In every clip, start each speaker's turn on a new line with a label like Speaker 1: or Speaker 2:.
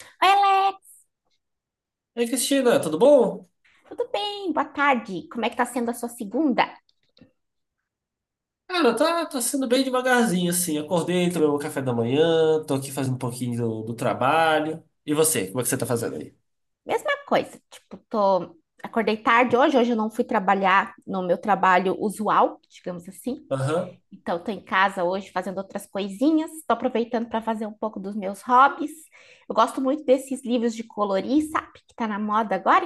Speaker 1: Oi, Alex,
Speaker 2: Ei, Cristina, tudo bom?
Speaker 1: tudo bem? Boa tarde. Como é que tá sendo a sua segunda?
Speaker 2: Cara, tá sendo bem devagarzinho, assim. Acordei, tomei meu café da manhã, tô aqui fazendo um pouquinho do trabalho. E você, como é que você tá fazendo aí?
Speaker 1: Mesma coisa, tipo, tô... Acordei tarde hoje, hoje eu não fui trabalhar no meu trabalho usual, digamos assim.
Speaker 2: Aham.
Speaker 1: Então, tô em casa hoje fazendo outras coisinhas, tô aproveitando para fazer um pouco dos meus hobbies. Eu gosto muito desses livros de colorir, sabe? Que tá na moda agora,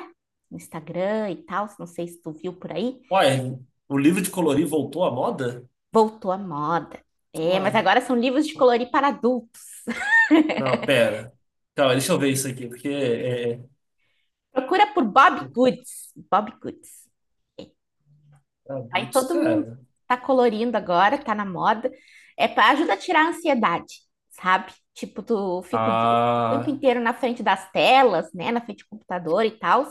Speaker 1: no Instagram e tal, não sei se tu viu por aí.
Speaker 2: Uai, o livro de colorir voltou à moda?
Speaker 1: Voltou à moda. É,
Speaker 2: Uai.
Speaker 1: mas agora são livros de
Speaker 2: como-
Speaker 1: colorir para adultos.
Speaker 2: Não, pera. Calma, deixa eu ver isso aqui, porque
Speaker 1: Procura por Bob Goods. Bob Goods.
Speaker 2: é
Speaker 1: Aí
Speaker 2: adultos,
Speaker 1: todo mundo
Speaker 2: cara.
Speaker 1: tá colorindo agora, tá na moda. É para ajuda a tirar a ansiedade, sabe? Tipo, tu fica o tempo
Speaker 2: Ah,
Speaker 1: inteiro na frente das telas, né? Na frente do computador e tal.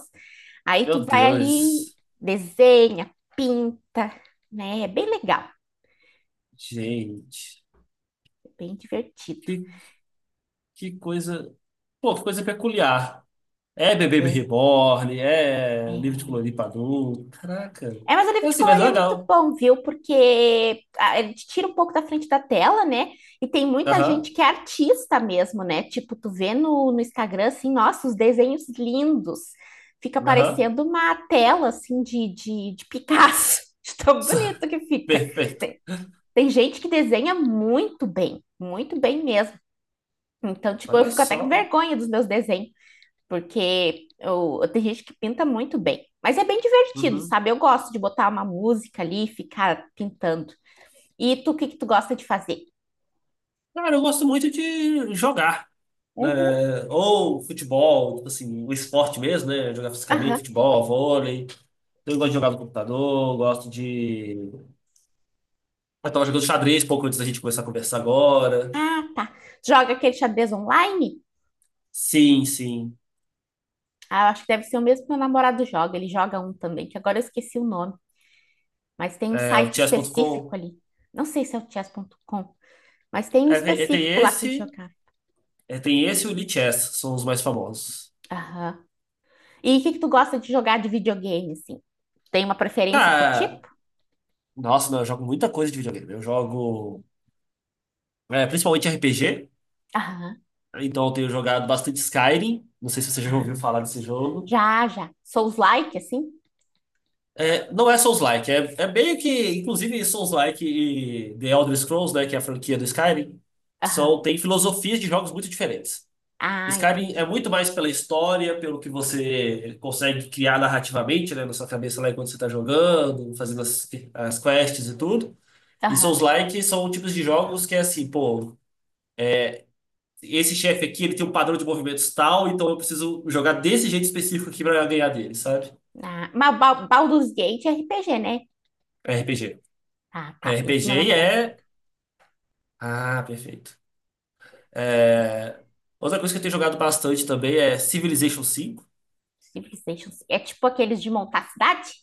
Speaker 1: Aí tu
Speaker 2: meu
Speaker 1: vai ali,
Speaker 2: Deus.
Speaker 1: desenha, pinta, né? É bem legal,
Speaker 2: Gente,
Speaker 1: é bem divertido.
Speaker 2: que, que coisa. Pô, que coisa peculiar. É bebê
Speaker 1: É,
Speaker 2: reborn, é livro de
Speaker 1: é.
Speaker 2: colorir pra adulto. Caraca.
Speaker 1: É, mas o livro
Speaker 2: É
Speaker 1: de
Speaker 2: assim, mas
Speaker 1: colorir é muito
Speaker 2: legal.
Speaker 1: bom, viu? Porque ele te tira um pouco da frente da tela, né? E tem muita
Speaker 2: Aham,
Speaker 1: gente que é artista mesmo, né? Tipo, tu vê no Instagram, assim, nossa, os desenhos lindos. Fica
Speaker 2: aham.
Speaker 1: parecendo uma tela, assim, de Picasso. De tão bonito que fica.
Speaker 2: Perfeito.
Speaker 1: Tem, tem gente que desenha muito bem mesmo. Então, tipo, eu
Speaker 2: Olha
Speaker 1: fico até com
Speaker 2: só.
Speaker 1: vergonha dos meus desenhos. Porque eu, tem gente que pinta muito bem. Mas é bem divertido,
Speaker 2: Uhum.
Speaker 1: sabe? Eu gosto de botar uma música ali e ficar pintando. E tu, o que que tu gosta de fazer?
Speaker 2: Cara, eu gosto muito de jogar,
Speaker 1: Uhum.
Speaker 2: né? Ou futebol, tipo assim, o esporte mesmo, né? Jogar fisicamente,
Speaker 1: Aham.
Speaker 2: futebol, vôlei. Eu gosto de jogar no computador, gosto de. Eu tava jogando xadrez pouco antes da gente começar a conversar agora.
Speaker 1: Ah, tá. Joga aquele xadrez online?
Speaker 2: Sim, sim.
Speaker 1: Ah, eu acho que deve ser o mesmo que meu namorado joga. Ele joga um também, que agora eu esqueci o nome. Mas tem um
Speaker 2: É, o
Speaker 1: site específico
Speaker 2: chess.com.
Speaker 1: ali. Não sei se é o chess.com, mas tem um
Speaker 2: É, tem
Speaker 1: específico lá que ele
Speaker 2: esse.
Speaker 1: jogava.
Speaker 2: É, tem esse e o Lee Chess, são os mais famosos.
Speaker 1: Aham. E o que que tu gosta de jogar de videogame, assim? Tem uma preferência por
Speaker 2: Ah,
Speaker 1: tipo?
Speaker 2: nossa, não, eu jogo muita coisa de videogame. Eu jogo, principalmente RPG,
Speaker 1: Aham.
Speaker 2: então eu tenho jogado bastante Skyrim. Não sei se você já ouviu falar desse jogo.
Speaker 1: Já, já. Souls-like, assim?
Speaker 2: É, não é Souls-like, é meio que, inclusive, Souls-like e The Elder Scrolls, né, que é a franquia do Skyrim,
Speaker 1: Aham.
Speaker 2: são, tem filosofias de jogos muito diferentes.
Speaker 1: Ah,
Speaker 2: Skyrim é
Speaker 1: entendi.
Speaker 2: muito mais pela história, pelo que você consegue criar narrativamente, né, na sua cabeça lá enquanto você está jogando, fazendo as quests e tudo. E
Speaker 1: Aham.
Speaker 2: Souls-like são tipos de jogos que é assim, pô, esse chefe aqui, ele tem um padrão de movimentos tal, então eu preciso jogar desse jeito específico aqui pra ganhar dele, sabe?
Speaker 1: Ah, mas Baldur's Gate é RPG, né?
Speaker 2: RPG.
Speaker 1: Ah, tá. Esse meu
Speaker 2: RPG
Speaker 1: namorado
Speaker 2: é.
Speaker 1: joga.
Speaker 2: Ah, perfeito. É... Outra coisa que eu tenho jogado bastante também é Civilization 5.
Speaker 1: Civilization. É tipo aqueles de montar cidade?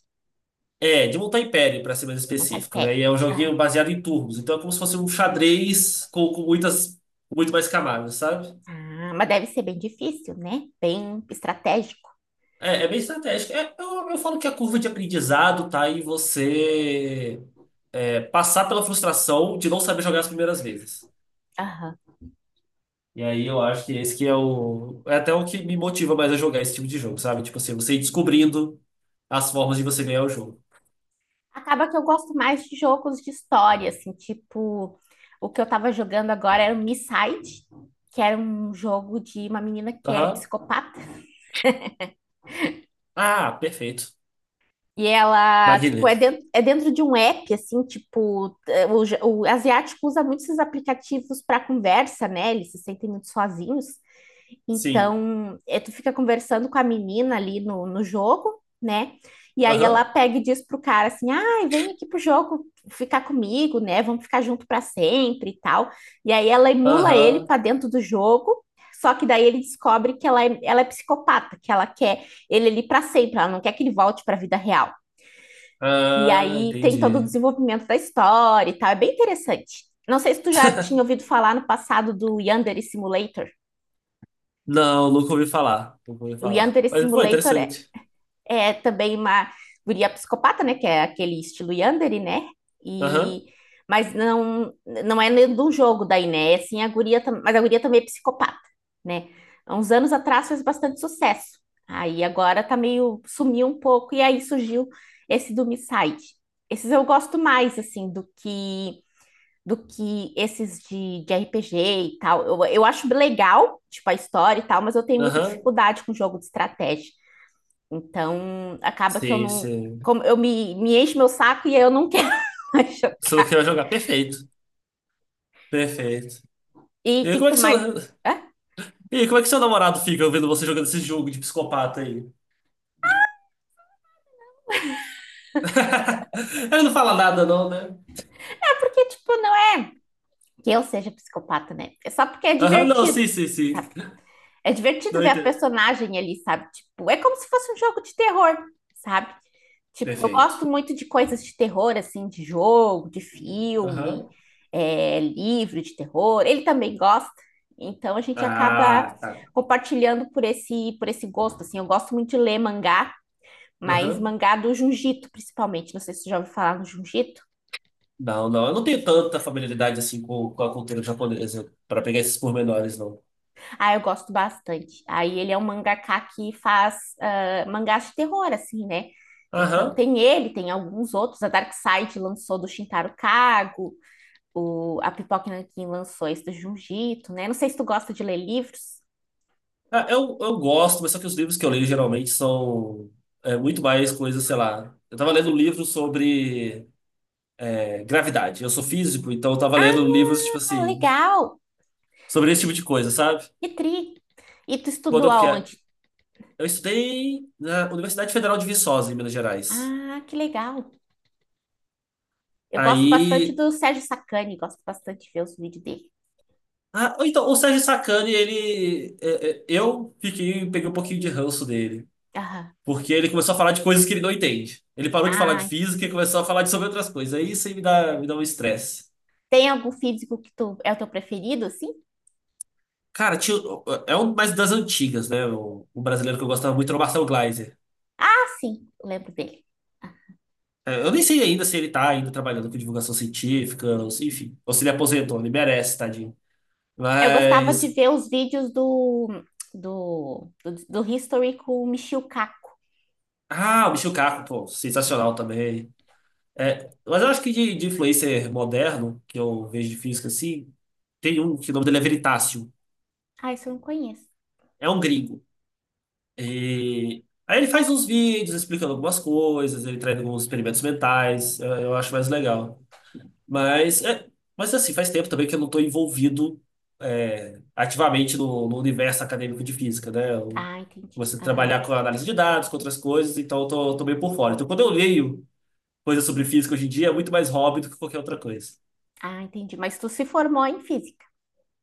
Speaker 2: É, de montar império, pra ser mais
Speaker 1: Montar
Speaker 2: específico, né?
Speaker 1: império.
Speaker 2: E é um joguinho
Speaker 1: Aham.
Speaker 2: baseado em turnos, então é como se fosse um xadrez com muito mais camadas, sabe?
Speaker 1: Ah, mas deve ser bem difícil, né? Bem estratégico.
Speaker 2: É bem estratégico. É, eu falo que a curva de aprendizado tá em você passar pela frustração de não saber jogar as primeiras vezes.
Speaker 1: Aham.
Speaker 2: E aí eu acho que esse que é o. É até o que me motiva mais a jogar esse tipo de jogo, sabe? Tipo assim, você ir descobrindo as formas de você ganhar o jogo.
Speaker 1: Acaba que eu gosto mais de jogos de história, assim, tipo... O que eu tava jogando agora era o Miside, que era um jogo de uma menina que é
Speaker 2: Aham.
Speaker 1: psicopata.
Speaker 2: Ah, perfeito.
Speaker 1: E ela, tipo,
Speaker 2: Magnífico.
Speaker 1: é dentro de um app, assim, tipo, o asiático usa muito esses aplicativos para conversa, né? Eles se sentem muito sozinhos.
Speaker 2: Sim.
Speaker 1: Então, é, tu fica conversando com a menina ali no jogo, né? E aí ela
Speaker 2: Aham.
Speaker 1: pega e diz pro cara assim: ai, vem aqui pro jogo ficar comigo, né? Vamos ficar junto para sempre e tal. E aí ela emula ele
Speaker 2: Aham.
Speaker 1: para dentro do jogo. Só que daí ele descobre que ela é psicopata, que ela quer ele ali para sempre, ela não quer que ele volte para a vida real. E
Speaker 2: Ah,
Speaker 1: aí tem todo o
Speaker 2: entendi.
Speaker 1: desenvolvimento da história e tal. É bem interessante. Não sei se tu já tinha ouvido falar no passado do Yandere Simulator.
Speaker 2: Não, nunca ouvi falar. Nunca ouvi
Speaker 1: O
Speaker 2: falar.
Speaker 1: Yandere
Speaker 2: Mas foi
Speaker 1: Simulator é,
Speaker 2: interessante.
Speaker 1: é também uma guria psicopata, né? Que é aquele estilo Yandere, né?
Speaker 2: Aham.
Speaker 1: E... Mas não, não é nem do jogo daí, né? É assim, mas a guria também é psicopata, né? Há uns anos atrás fez bastante sucesso. Aí agora tá meio, sumiu um pouco, e aí surgiu esse do Misside. Esses eu gosto mais, assim, do que esses de RPG e tal. Eu acho legal, tipo, a história e tal, mas eu tenho muita
Speaker 2: Aham.
Speaker 1: dificuldade com jogo de estratégia. Então, acaba que eu
Speaker 2: Sim,
Speaker 1: não.
Speaker 2: sim.
Speaker 1: Como eu me encho meu saco e eu não quero mais
Speaker 2: Solo Kill
Speaker 1: jogar.
Speaker 2: vai jogar. Perfeito. Perfeito.
Speaker 1: E o
Speaker 2: E
Speaker 1: que, que
Speaker 2: como é
Speaker 1: tu
Speaker 2: que seu,
Speaker 1: mais. Ah,
Speaker 2: e como é que seu namorado fica ouvindo você jogando esse jogo de psicopata aí? Ele não fala nada, não, né?
Speaker 1: porque, tipo, não é que eu seja psicopata, né? É só porque é
Speaker 2: Aham, não,
Speaker 1: divertido.
Speaker 2: sim, sim, sim.
Speaker 1: É divertido
Speaker 2: Não
Speaker 1: ver a
Speaker 2: entendo.
Speaker 1: personagem ali, sabe? Tipo, é como se fosse um jogo de terror, sabe? Tipo, eu gosto
Speaker 2: Perfeito.
Speaker 1: muito de coisas de terror, assim, de jogo, de filme,
Speaker 2: Aham.
Speaker 1: é, livro de terror. Ele também gosta. Então a gente acaba
Speaker 2: Ah, tá.
Speaker 1: compartilhando por esse gosto, assim. Eu gosto muito de ler mangá, mas
Speaker 2: Aham.
Speaker 1: mangá do Jiu-Jitsu, principalmente. Não sei se você já ouviu falar no Jiu-Jitsu.
Speaker 2: Não, não, eu não tenho tanta familiaridade assim com a cultura japonesa para pegar esses pormenores, não.
Speaker 1: Ah, eu gosto bastante. Aí ele é um mangaka que faz mangás de terror, assim, né? Então
Speaker 2: Aham.
Speaker 1: tem ele, tem alguns outros. A Dark Side lançou do Shintaro Kago, o, a Pipoca Nankin lançou esse do Junjito, né? Não sei se tu gosta de ler livros.
Speaker 2: Ah, eu gosto, mas só que os livros que eu leio geralmente são muito mais coisas, sei lá. Eu tava lendo um livro sobre, gravidade. Eu sou físico, então eu tava lendo livros, tipo
Speaker 1: Ah,
Speaker 2: assim,
Speaker 1: legal!
Speaker 2: sobre esse tipo de coisa, sabe?
Speaker 1: Que tri! E tu
Speaker 2: Quando
Speaker 1: estudou
Speaker 2: eu que-
Speaker 1: aonde?
Speaker 2: Eu estudei na Universidade Federal de Viçosa, em Minas Gerais.
Speaker 1: Ah, que legal! Eu gosto bastante
Speaker 2: Aí.
Speaker 1: do Sérgio Sacani, gosto bastante de ver os vídeos dele.
Speaker 2: Ah, ou então, o Sérgio Sacani, ele. Eu fiquei, peguei um pouquinho de ranço dele.
Speaker 1: Aham.
Speaker 2: Porque ele começou a falar de coisas que ele não entende. Ele parou de falar de
Speaker 1: Ah,
Speaker 2: física e começou a falar de sobre outras coisas. Aí isso aí me dá um estresse.
Speaker 1: tem algum físico que tu é o teu preferido, assim?
Speaker 2: Cara, tinha, é um mais das antigas, né? O brasileiro que eu gostava muito era o Marcelo Gleiser.
Speaker 1: Ah, sim, eu lembro dele.
Speaker 2: É, eu nem sei ainda se ele tá ainda trabalhando com divulgação científica, ou se- enfim. Ou se ele aposentou, ele merece, tadinho.
Speaker 1: Eu gostava de
Speaker 2: Mas.
Speaker 1: ver os vídeos do History com o Michio Kaku.
Speaker 2: Ah, o Michio Kaku, pô, sensacional também. É, mas eu acho que de influencer moderno, que eu vejo de física assim, tem um que o nome dele é Veritácio.
Speaker 1: Ah, isso eu não conheço.
Speaker 2: É um gringo. E aí ele faz uns vídeos explicando algumas coisas, ele traz alguns experimentos mentais. Eu acho mais legal. Mas, é, mas assim, faz tempo também que eu não estou envolvido, ativamente no universo acadêmico de física, né? Eu
Speaker 1: Ah, entendi.
Speaker 2: comecei a
Speaker 1: Aham.
Speaker 2: trabalhar com análise de dados, com outras coisas, então eu tô meio por fora. Então, quando eu leio coisas sobre física hoje em dia, é muito mais hobby do que qualquer outra coisa.
Speaker 1: Ah, entendi. Mas tu se formou em física.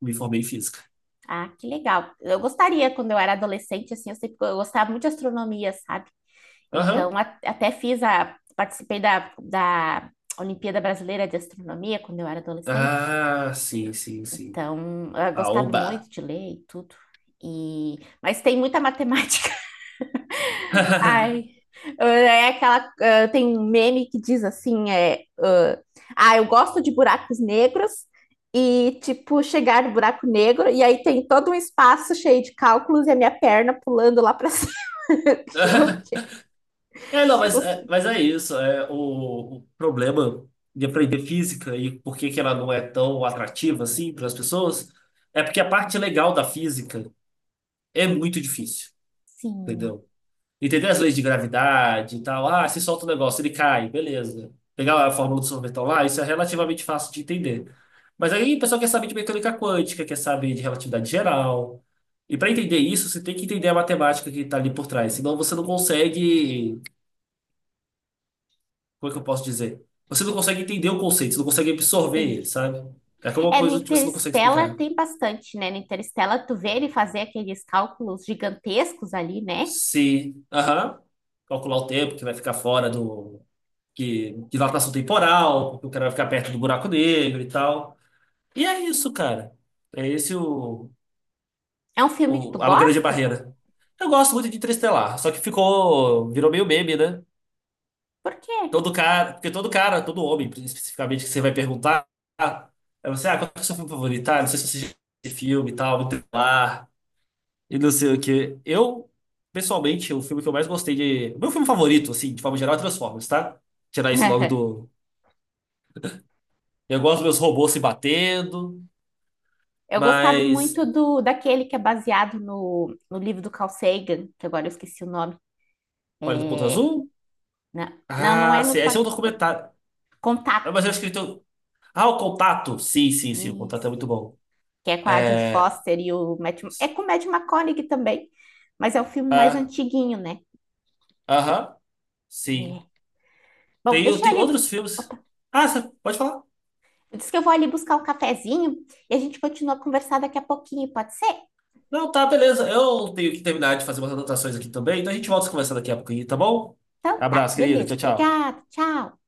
Speaker 2: Me formei em física.
Speaker 1: Ah, que legal. Eu gostaria, quando eu era adolescente, assim, eu gostava muito de astronomia, sabe?
Speaker 2: Aham.
Speaker 1: Então, até fiz a... Participei da Olimpíada Brasileira de Astronomia quando eu era adolescente.
Speaker 2: Ah, sim, sim, sim.
Speaker 1: Então, eu gostava
Speaker 2: Aoba.
Speaker 1: muito de ler e tudo. E, mas tem muita matemática. Ai, é aquela. Ah, tem um meme que diz assim: é, eu gosto de buracos negros e, tipo, chegar no buraco negro, e aí tem todo um espaço cheio de cálculos e a minha perna pulando lá pra cima.
Speaker 2: É, não,
Speaker 1: Eu- eu-
Speaker 2: mas é isso. É, o problema de aprender física e por que que ela não é tão atrativa assim para as pessoas é porque a parte legal da física é muito difícil,
Speaker 1: Sim.
Speaker 2: entendeu? Entender as leis de gravidade e tal. Ah, se solta o negócio, ele cai, beleza. Pegar a fórmula do sorvetão lá, isso é relativamente fácil de entender. Mas aí o pessoal quer saber de mecânica quântica, quer saber de relatividade geral. E para entender isso, você tem que entender a matemática que está ali por trás, senão você não consegue. Como é que eu posso dizer? Você não consegue entender o conceito, você não consegue absorver ele,
Speaker 1: Entendi.
Speaker 2: sabe? É como uma
Speaker 1: É, no
Speaker 2: coisa que você não consegue
Speaker 1: Interstellar
Speaker 2: explicar.
Speaker 1: tem bastante, né? No Interstellar tu vê ele fazer aqueles cálculos gigantescos ali, né?
Speaker 2: Se, aham, calcular o tempo que vai ficar fora do. Que, dilatação temporal, porque o cara vai ficar perto do buraco negro e tal. E é isso, cara. É esse
Speaker 1: É um filme que tu
Speaker 2: a grande
Speaker 1: gosta?
Speaker 2: barreira. Eu gosto muito de Interestelar, só que ficou, virou meio meme, né?
Speaker 1: Por quê?
Speaker 2: Porque todo cara, todo homem, especificamente, que você vai perguntar, ah, ah, qual que é o seu filme favorito? Ah, não sei se você já viu esse filme e tal, muito lá e não sei o quê. Eu, pessoalmente, o filme que eu mais gostei de. O meu filme favorito, assim, de forma geral, é Transformers, tá? Tirar isso logo do. Eu gosto dos meus robôs se batendo,
Speaker 1: Eu gostava
Speaker 2: mas.
Speaker 1: muito do daquele que é baseado no livro do Carl Sagan, que agora eu esqueci o nome.
Speaker 2: Pare do Ponto Azul?
Speaker 1: Né? Não, não é
Speaker 2: Ah, sim,
Speaker 1: no
Speaker 2: esse é
Speaker 1: Pod-
Speaker 2: um documentário. Ah,
Speaker 1: Contato.
Speaker 2: mas eu acho que ele tem. Ah, o Contato? Sim, sim, sim, o Contato é
Speaker 1: Isso.
Speaker 2: muito bom.
Speaker 1: Que é com a Judy
Speaker 2: É.
Speaker 1: Foster e o Matt... É com o Matthew McConaughey também, mas é o filme mais
Speaker 2: Ah,
Speaker 1: antiguinho, né?
Speaker 2: aham, sim.
Speaker 1: É. Bom,
Speaker 2: Tem,
Speaker 1: deixa
Speaker 2: tem
Speaker 1: ele
Speaker 2: outros
Speaker 1: buscar.
Speaker 2: filmes. Ah, você pode falar?
Speaker 1: Diz que eu vou ali buscar um cafezinho e a gente continua a conversar daqui a pouquinho, pode ser?
Speaker 2: Não, tá, beleza. Eu tenho que terminar de fazer umas anotações aqui também, então a gente volta a conversar daqui a pouquinho, tá bom?
Speaker 1: Então tá,
Speaker 2: Abraço, querida.
Speaker 1: beleza.
Speaker 2: Tchau, tchau.
Speaker 1: Obrigada, tchau.